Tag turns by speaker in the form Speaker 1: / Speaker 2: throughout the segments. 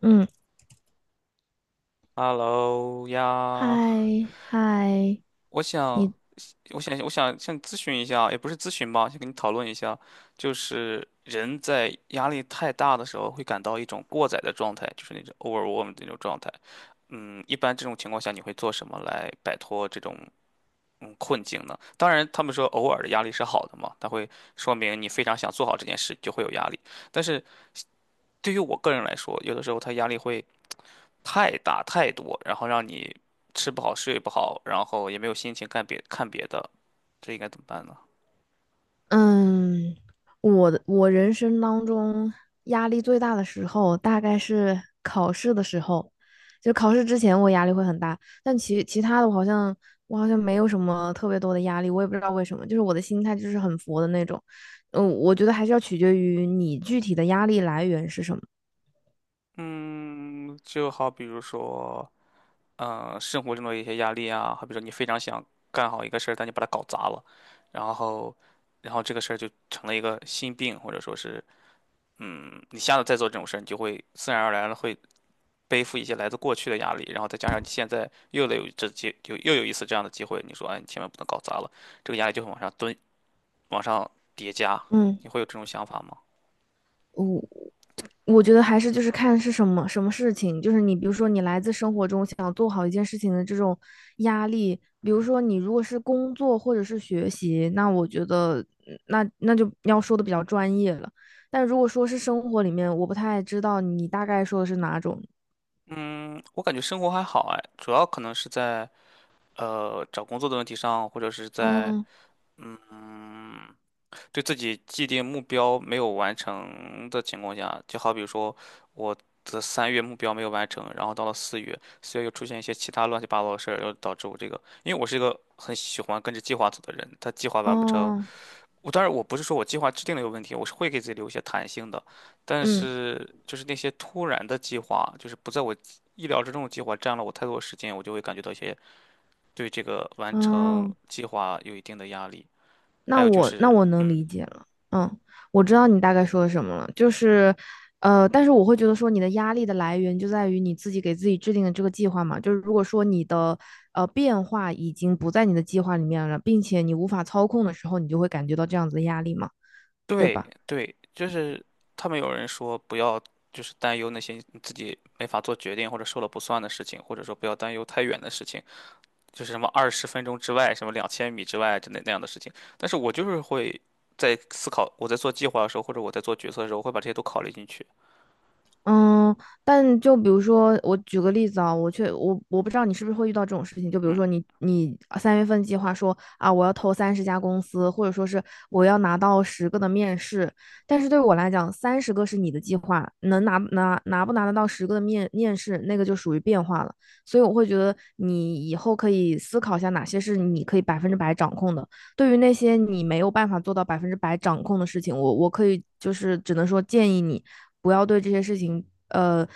Speaker 1: 嗯，
Speaker 2: Hello
Speaker 1: 嗨
Speaker 2: 呀，
Speaker 1: 嗨，
Speaker 2: 我
Speaker 1: 你
Speaker 2: 想，我想向你咨询一下，也不是咨询吧，想跟你讨论一下，就是人在压力太大的时候会感到一种过载的状态，就是那种 overwhelm 那种状态。一般这种情况下你会做什么来摆脱这种困境呢？当然，他们说偶尔的压力是好的嘛，它会说明你非常想做好这件事，就会有压力。但是对于我个人来说，有的时候他压力会太大太多，然后让你吃不好睡不好，然后也没有心情干别看别的，这应该怎么办呢？
Speaker 1: 嗯，我人生当中压力最大的时候，大概是考试的时候。就考试之前我压力会很大，但其他的我好像没有什么特别多的压力，我也不知道为什么，就是我的心态就是很佛的那种。嗯，我觉得还是要取决于你具体的压力来源是什么。
Speaker 2: 嗯，就好比如说，生活中的一些压力啊，好比说你非常想干好一个事儿，但你把它搞砸了，然后，然后这个事儿就成了一个心病，或者说是，你下次再做这种事儿，你就会自然而然的会背负一些来自过去的压力，然后再加上你现在又有一次这样的机会，你说，哎，你千万不能搞砸了，这个压力就会往上堆往上叠加，
Speaker 1: 嗯。
Speaker 2: 你会有这种想法吗？
Speaker 1: 我我觉得还是就是看是什么事情，就是你比如说你来自生活中想做好一件事情的这种压力，比如说你如果是工作或者是学习，那我觉得那就要说的比较专业了。但如果说是生活里面，我不太知道你大概说的是哪种。
Speaker 2: 嗯，我感觉生活还好哎，主要可能是在找工作的问题上，或者是在
Speaker 1: 哦
Speaker 2: 嗯对自己既定目标没有完成的情况下，就好比说我的3月目标没有完成，然后到了四月，四月又出现一些其他乱七八糟的事儿，又导致我这个，因为我是一个很喜欢跟着计划走的人，他计划完不成，
Speaker 1: 哦，
Speaker 2: 当然我不是说我计划制定了有问题，我是会给自己留一些弹性的，但
Speaker 1: 嗯，
Speaker 2: 是就是那些突然的计划，就是不在我意料之中的计划占了我太多的时间，我就会感觉到一些对这个完成
Speaker 1: 哦。
Speaker 2: 计划有一定的压力。还
Speaker 1: 那
Speaker 2: 有就
Speaker 1: 我那
Speaker 2: 是，
Speaker 1: 我能
Speaker 2: 嗯，
Speaker 1: 理解了，嗯，我知道你大概说的什么了，就是，但是我会觉得说你的压力的来源就在于你自己给自己制定的这个计划嘛，就是如果说你的变化已经不在你的计划里面了，并且你无法操控的时候，你就会感觉到这样子的压力嘛，对吧？
Speaker 2: 对对，就是他们有人说不要就是担忧那些你自己没法做决定或者说了不算的事情，或者说不要担忧太远的事情，就是什么20分钟之外，什么2000米之外之类那样的事情。但是我就是会在思考，我在做计划的时候，或者我在做决策的时候，我会把这些都考虑进去。
Speaker 1: 嗯，但就比如说，我举个例子啊，我却我我不知道你是不是会遇到这种事情，就比如
Speaker 2: 嗯
Speaker 1: 说你三月份计划说啊，我要投三十家公司，或者说是我要拿到十个的面试，但是对我来讲，30个是你的计划，能拿不拿得到十个的面试，那个就属于变化了。所以我会觉得你以后可以思考一下哪些是你可以百分之百掌控的，对于那些你没有办法做到百分之百掌控的事情，我可以就是只能说建议你。不要对这些事情，呃，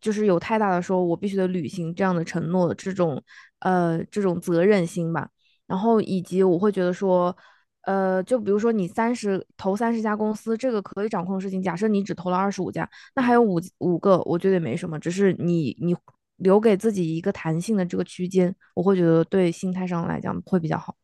Speaker 1: 就是有太大的说我必须得履行这样的承诺，这种这种责任心吧。然后以及我会觉得说，就比如说你投三十家公司，这个可以掌控的事情，假设你只投了25家，那还
Speaker 2: 嗯
Speaker 1: 有五个，我觉得也没什么，只是你留给自己一个弹性的这个区间，我会觉得对心态上来讲会比较好。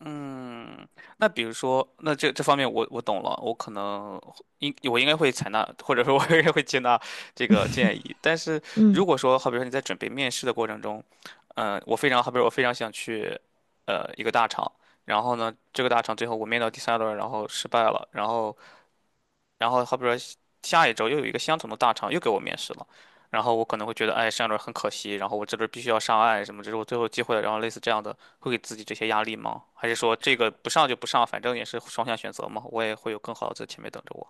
Speaker 2: 嗯。那比如说，那这方面我懂了，我应该会采纳，或者说我应该会接纳这个建议。但是如
Speaker 1: 嗯。
Speaker 2: 果说，好比说你在准备面试的过程中，我非常好比说我非常想去，一个大厂。然后呢，这个大厂最后我面到第3轮，然后失败了，然后好比说下一周又有一个相同的大厂又给我面试了，然后我可能会觉得，哎，上一轮很可惜，然后我这轮必须要上岸，什么这是我最后机会了，然后类似这样的，会给自己这些压力吗？还是说这个不上就不上，反正也是双向选择嘛，我也会有更好的在前面等着我。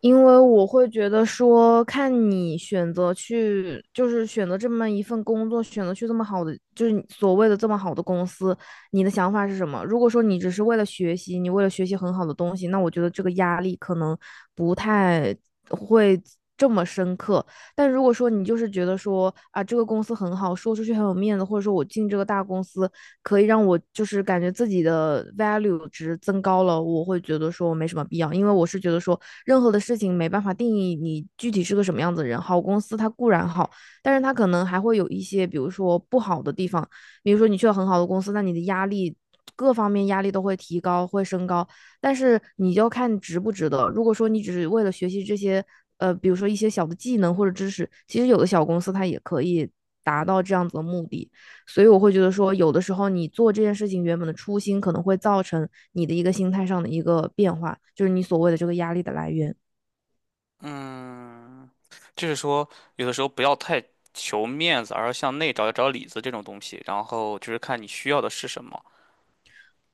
Speaker 1: 因为我会觉得说，看你选择去，就是选择这么一份工作，选择去这么好的，就是你所谓的这么好的公司，你的想法是什么？如果说你只是为了学习，你为了学习很好的东西，那我觉得这个压力可能不太会这么深刻。但如果说你就是觉得说啊，这个公司很好，说出去很有面子，或者说我进这个大公司，可以让我就是感觉自己的 value 值增高了，我会觉得说我没什么必要，因为我是觉得说任何的事情没办法定义你具体是个什么样子的人。好公司它固然好，但是它可能还会有一些，比如说不好的地方，比如说你去了很好的公司，那你的压力，各方面压力都会提高，会升高，但是你就看值不值得。如果说你只是为了学习这些，比如说一些小的技能或者知识，其实有的小公司它也可以达到这样子的目的。所以我会觉得说，有的时候你做这件事情原本的初心，可能会造成你的一个心态上的一个变化，就是你所谓的这个压力的来源。
Speaker 2: 嗯，就是说有的时候不要太求面子，而要向内找找里子这种东西，然后就是看你需要的是什么。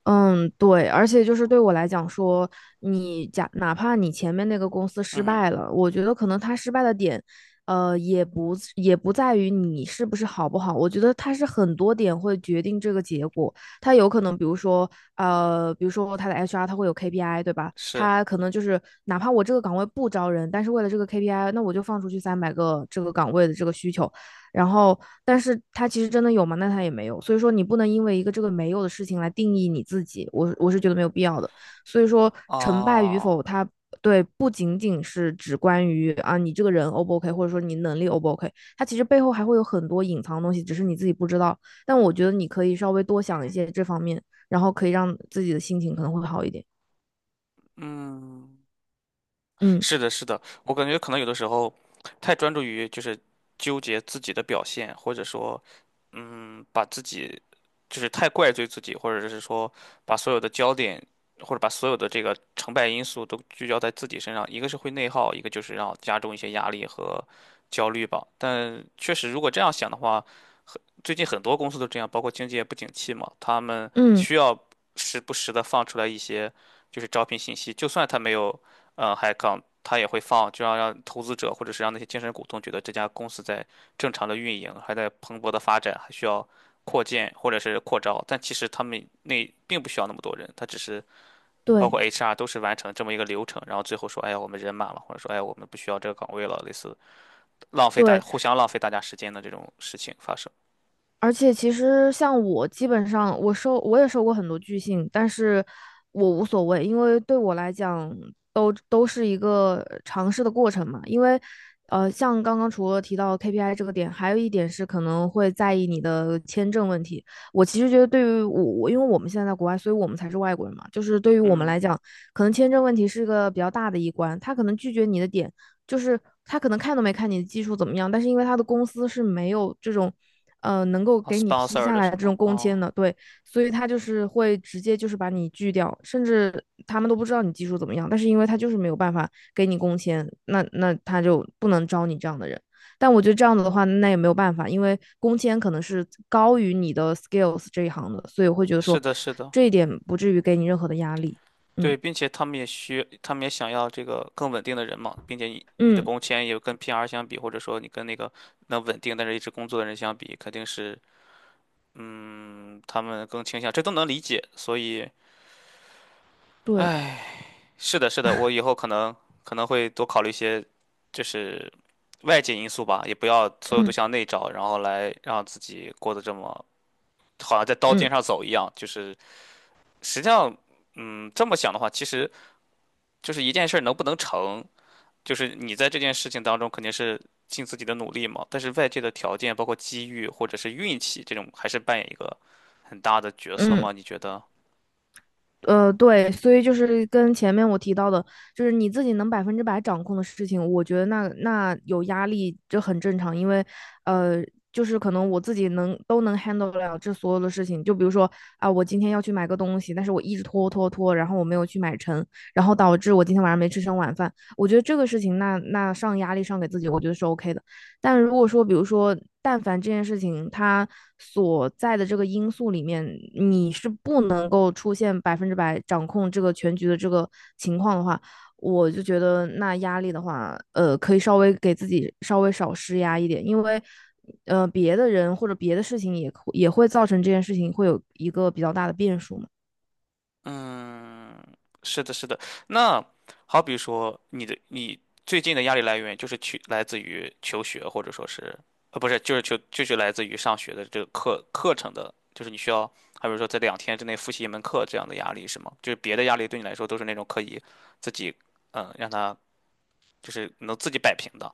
Speaker 1: 嗯，对，而且就是对我来讲说，你假哪怕你前面那个公司失
Speaker 2: 嗯，
Speaker 1: 败了，我觉得可能他失败的点，也不是也不在于你是不是好不好，我觉得他是很多点会决定这个结果。他有可能，比如说，比如说他的 HR 他会有 KPI，对吧？
Speaker 2: 是
Speaker 1: 他可能就是哪怕我这个岗位不招人，但是为了这个 KPI，那我就放出去300个这个岗位的这个需求，然后，但是他其实真的有吗？那他也没有。所以说，你不能因为一个这个没有的事情来定义你自己。我是觉得没有必要的。所以说，成败与
Speaker 2: 哦，
Speaker 1: 否，他对不仅仅是只关于啊你这个人 O 不 OK，或者说你能力 O 不 OK，它其实背后还会有很多隐藏的东西，只是你自己不知道。但我觉得你可以稍微多想一些这方面，然后可以让自己的心情可能会好一点。
Speaker 2: 嗯。
Speaker 1: 嗯
Speaker 2: 是的，是的，我感觉可能有的时候太专注于就是纠结自己的表现，或者说，把自己就是太怪罪自己，或者是说把所有的焦点或者把所有的这个成败因素都聚焦在自己身上，一个是会内耗，一个就是让加重一些压力和焦虑吧。但确实，如果这样想的话，最近很多公司都这样，包括经济也不景气嘛，他们
Speaker 1: 嗯，
Speaker 2: 需要时不时的放出来一些就是招聘信息，就算他没有HEA 他也会放，就要让投资者或者是让那些精神股东觉得这家公司在正常的运营，还在蓬勃的发展，还需要扩建或者是扩招，但其实他们那并不需要那么多人，他只是包括
Speaker 1: 对
Speaker 2: HR 都是完成这么一个流程，然后最后说，哎呀，我们人满了，或者说，哎呀，我们不需要这个岗位了，类似浪费大
Speaker 1: 对，
Speaker 2: 互相浪费大家时间的这种事情发生。
Speaker 1: 而且其实像我，基本上我也收过很多拒信，但是我无所谓，因为对我来讲都是一个尝试的过程嘛。因为像刚刚除了提到 KPI 这个点，还有一点是可能会在意你的签证问题。我其实觉得对于我，我因为我们现在在国外，所以我们才是外国人嘛，就是对于我们
Speaker 2: 嗯。
Speaker 1: 来讲，可能签证问题是个比较大的一关，他可能拒绝你的点。就是他可能看都没看你的技术怎么样，但是因为他的公司是没有这种，能够
Speaker 2: 啊
Speaker 1: 给你批
Speaker 2: ，sponsor
Speaker 1: 下
Speaker 2: 的
Speaker 1: 来
Speaker 2: 什
Speaker 1: 这
Speaker 2: 么？
Speaker 1: 种工
Speaker 2: 哦，
Speaker 1: 签的，对，所以他就是会直接就是把你拒掉，甚至他们都不知道你技术怎么样，但是因为他就是没有办法给你工签，那他就不能招你这样的人。但我觉得这样子的话，那也没有办法，因为工签可能是高于你的 skills 这一行的，所以我会觉得
Speaker 2: 是
Speaker 1: 说
Speaker 2: 的，是的，
Speaker 1: 这一点不至于给你任何的压力。嗯
Speaker 2: 对，并且他们也想要这个更稳定的人嘛，并且你的
Speaker 1: 嗯，
Speaker 2: 工签也跟 PR 相比，或者说你跟那个能稳定但是一直工作的人相比，肯定是嗯，他们更倾向，这都能理解。所以，
Speaker 1: 对，
Speaker 2: 哎，是的，是的，我以后可能会多考虑一些，就是外界因素吧，也不要所有都
Speaker 1: 嗯
Speaker 2: 向内找，然后来让自己过得这么好像在刀
Speaker 1: 嗯
Speaker 2: 尖上走一样，就是实际上。这么想的话，其实就是一件事儿能不能成，就是你在这件事情当中肯定是尽自己的努力嘛，但是外界的条件，包括机遇或者是运气，这种还是扮演一个很大的角色
Speaker 1: 嗯。
Speaker 2: 吗？你觉得？
Speaker 1: 对，所以就是跟前面我提到的，就是你自己能百分之百掌控的事情，我觉得那有压力这很正常，因为呃，就是可能我自己能 handle 得了这所有的事情，就比如说啊、我今天要去买个东西，但是我一直拖拖拖，然后我没有去买成，然后导致我今天晚上没吃上晚饭，我觉得这个事情那上压力上给自己，我觉得是 OK 的。但如果说，比如说，但凡这件事情它所在的这个因素里面，你是不能够出现百分之百掌控这个全局的这个情况的话，我就觉得那压力的话，可以稍微给自己稍微少施压一点，因为。别的人或者别的事情也会造成这件事情会有一个比较大的变数嘛。
Speaker 2: 嗯，是的，是的。那好比说，你的你最近的压力来源就是去来自于求学，或者说是，不是，就是求就是来自于上学的这个课程的，就是你需要，好比说在2天之内复习一门课这样的压力是吗？就是别的压力对你来说都是那种可以自己，让他就是能自己摆平的。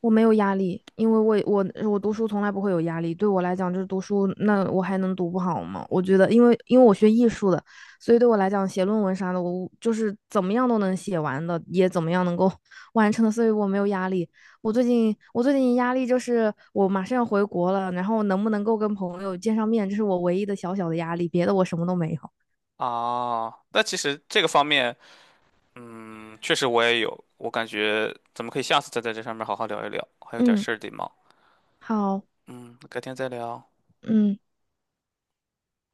Speaker 1: 我没有压力，因为我读书从来不会有压力。对我来讲，就是读书，那我还能读不好吗？我觉得，因为我学艺术的，所以对我来讲，写论文啥的，我就是怎么样都能写完的，也怎么样能够 完成的，所以我没有压力。我最近压力就是我马上要回国了，然后能不能够跟朋友见上面，这是我唯一的小小的压力，别的我什么都没有。
Speaker 2: 啊，那其实这个方面，确实我也有，我感觉咱们可以下次再在这上面好好聊一聊，还有点
Speaker 1: 嗯，
Speaker 2: 事儿得忙。
Speaker 1: 好，
Speaker 2: 嗯，改天再聊。
Speaker 1: 嗯。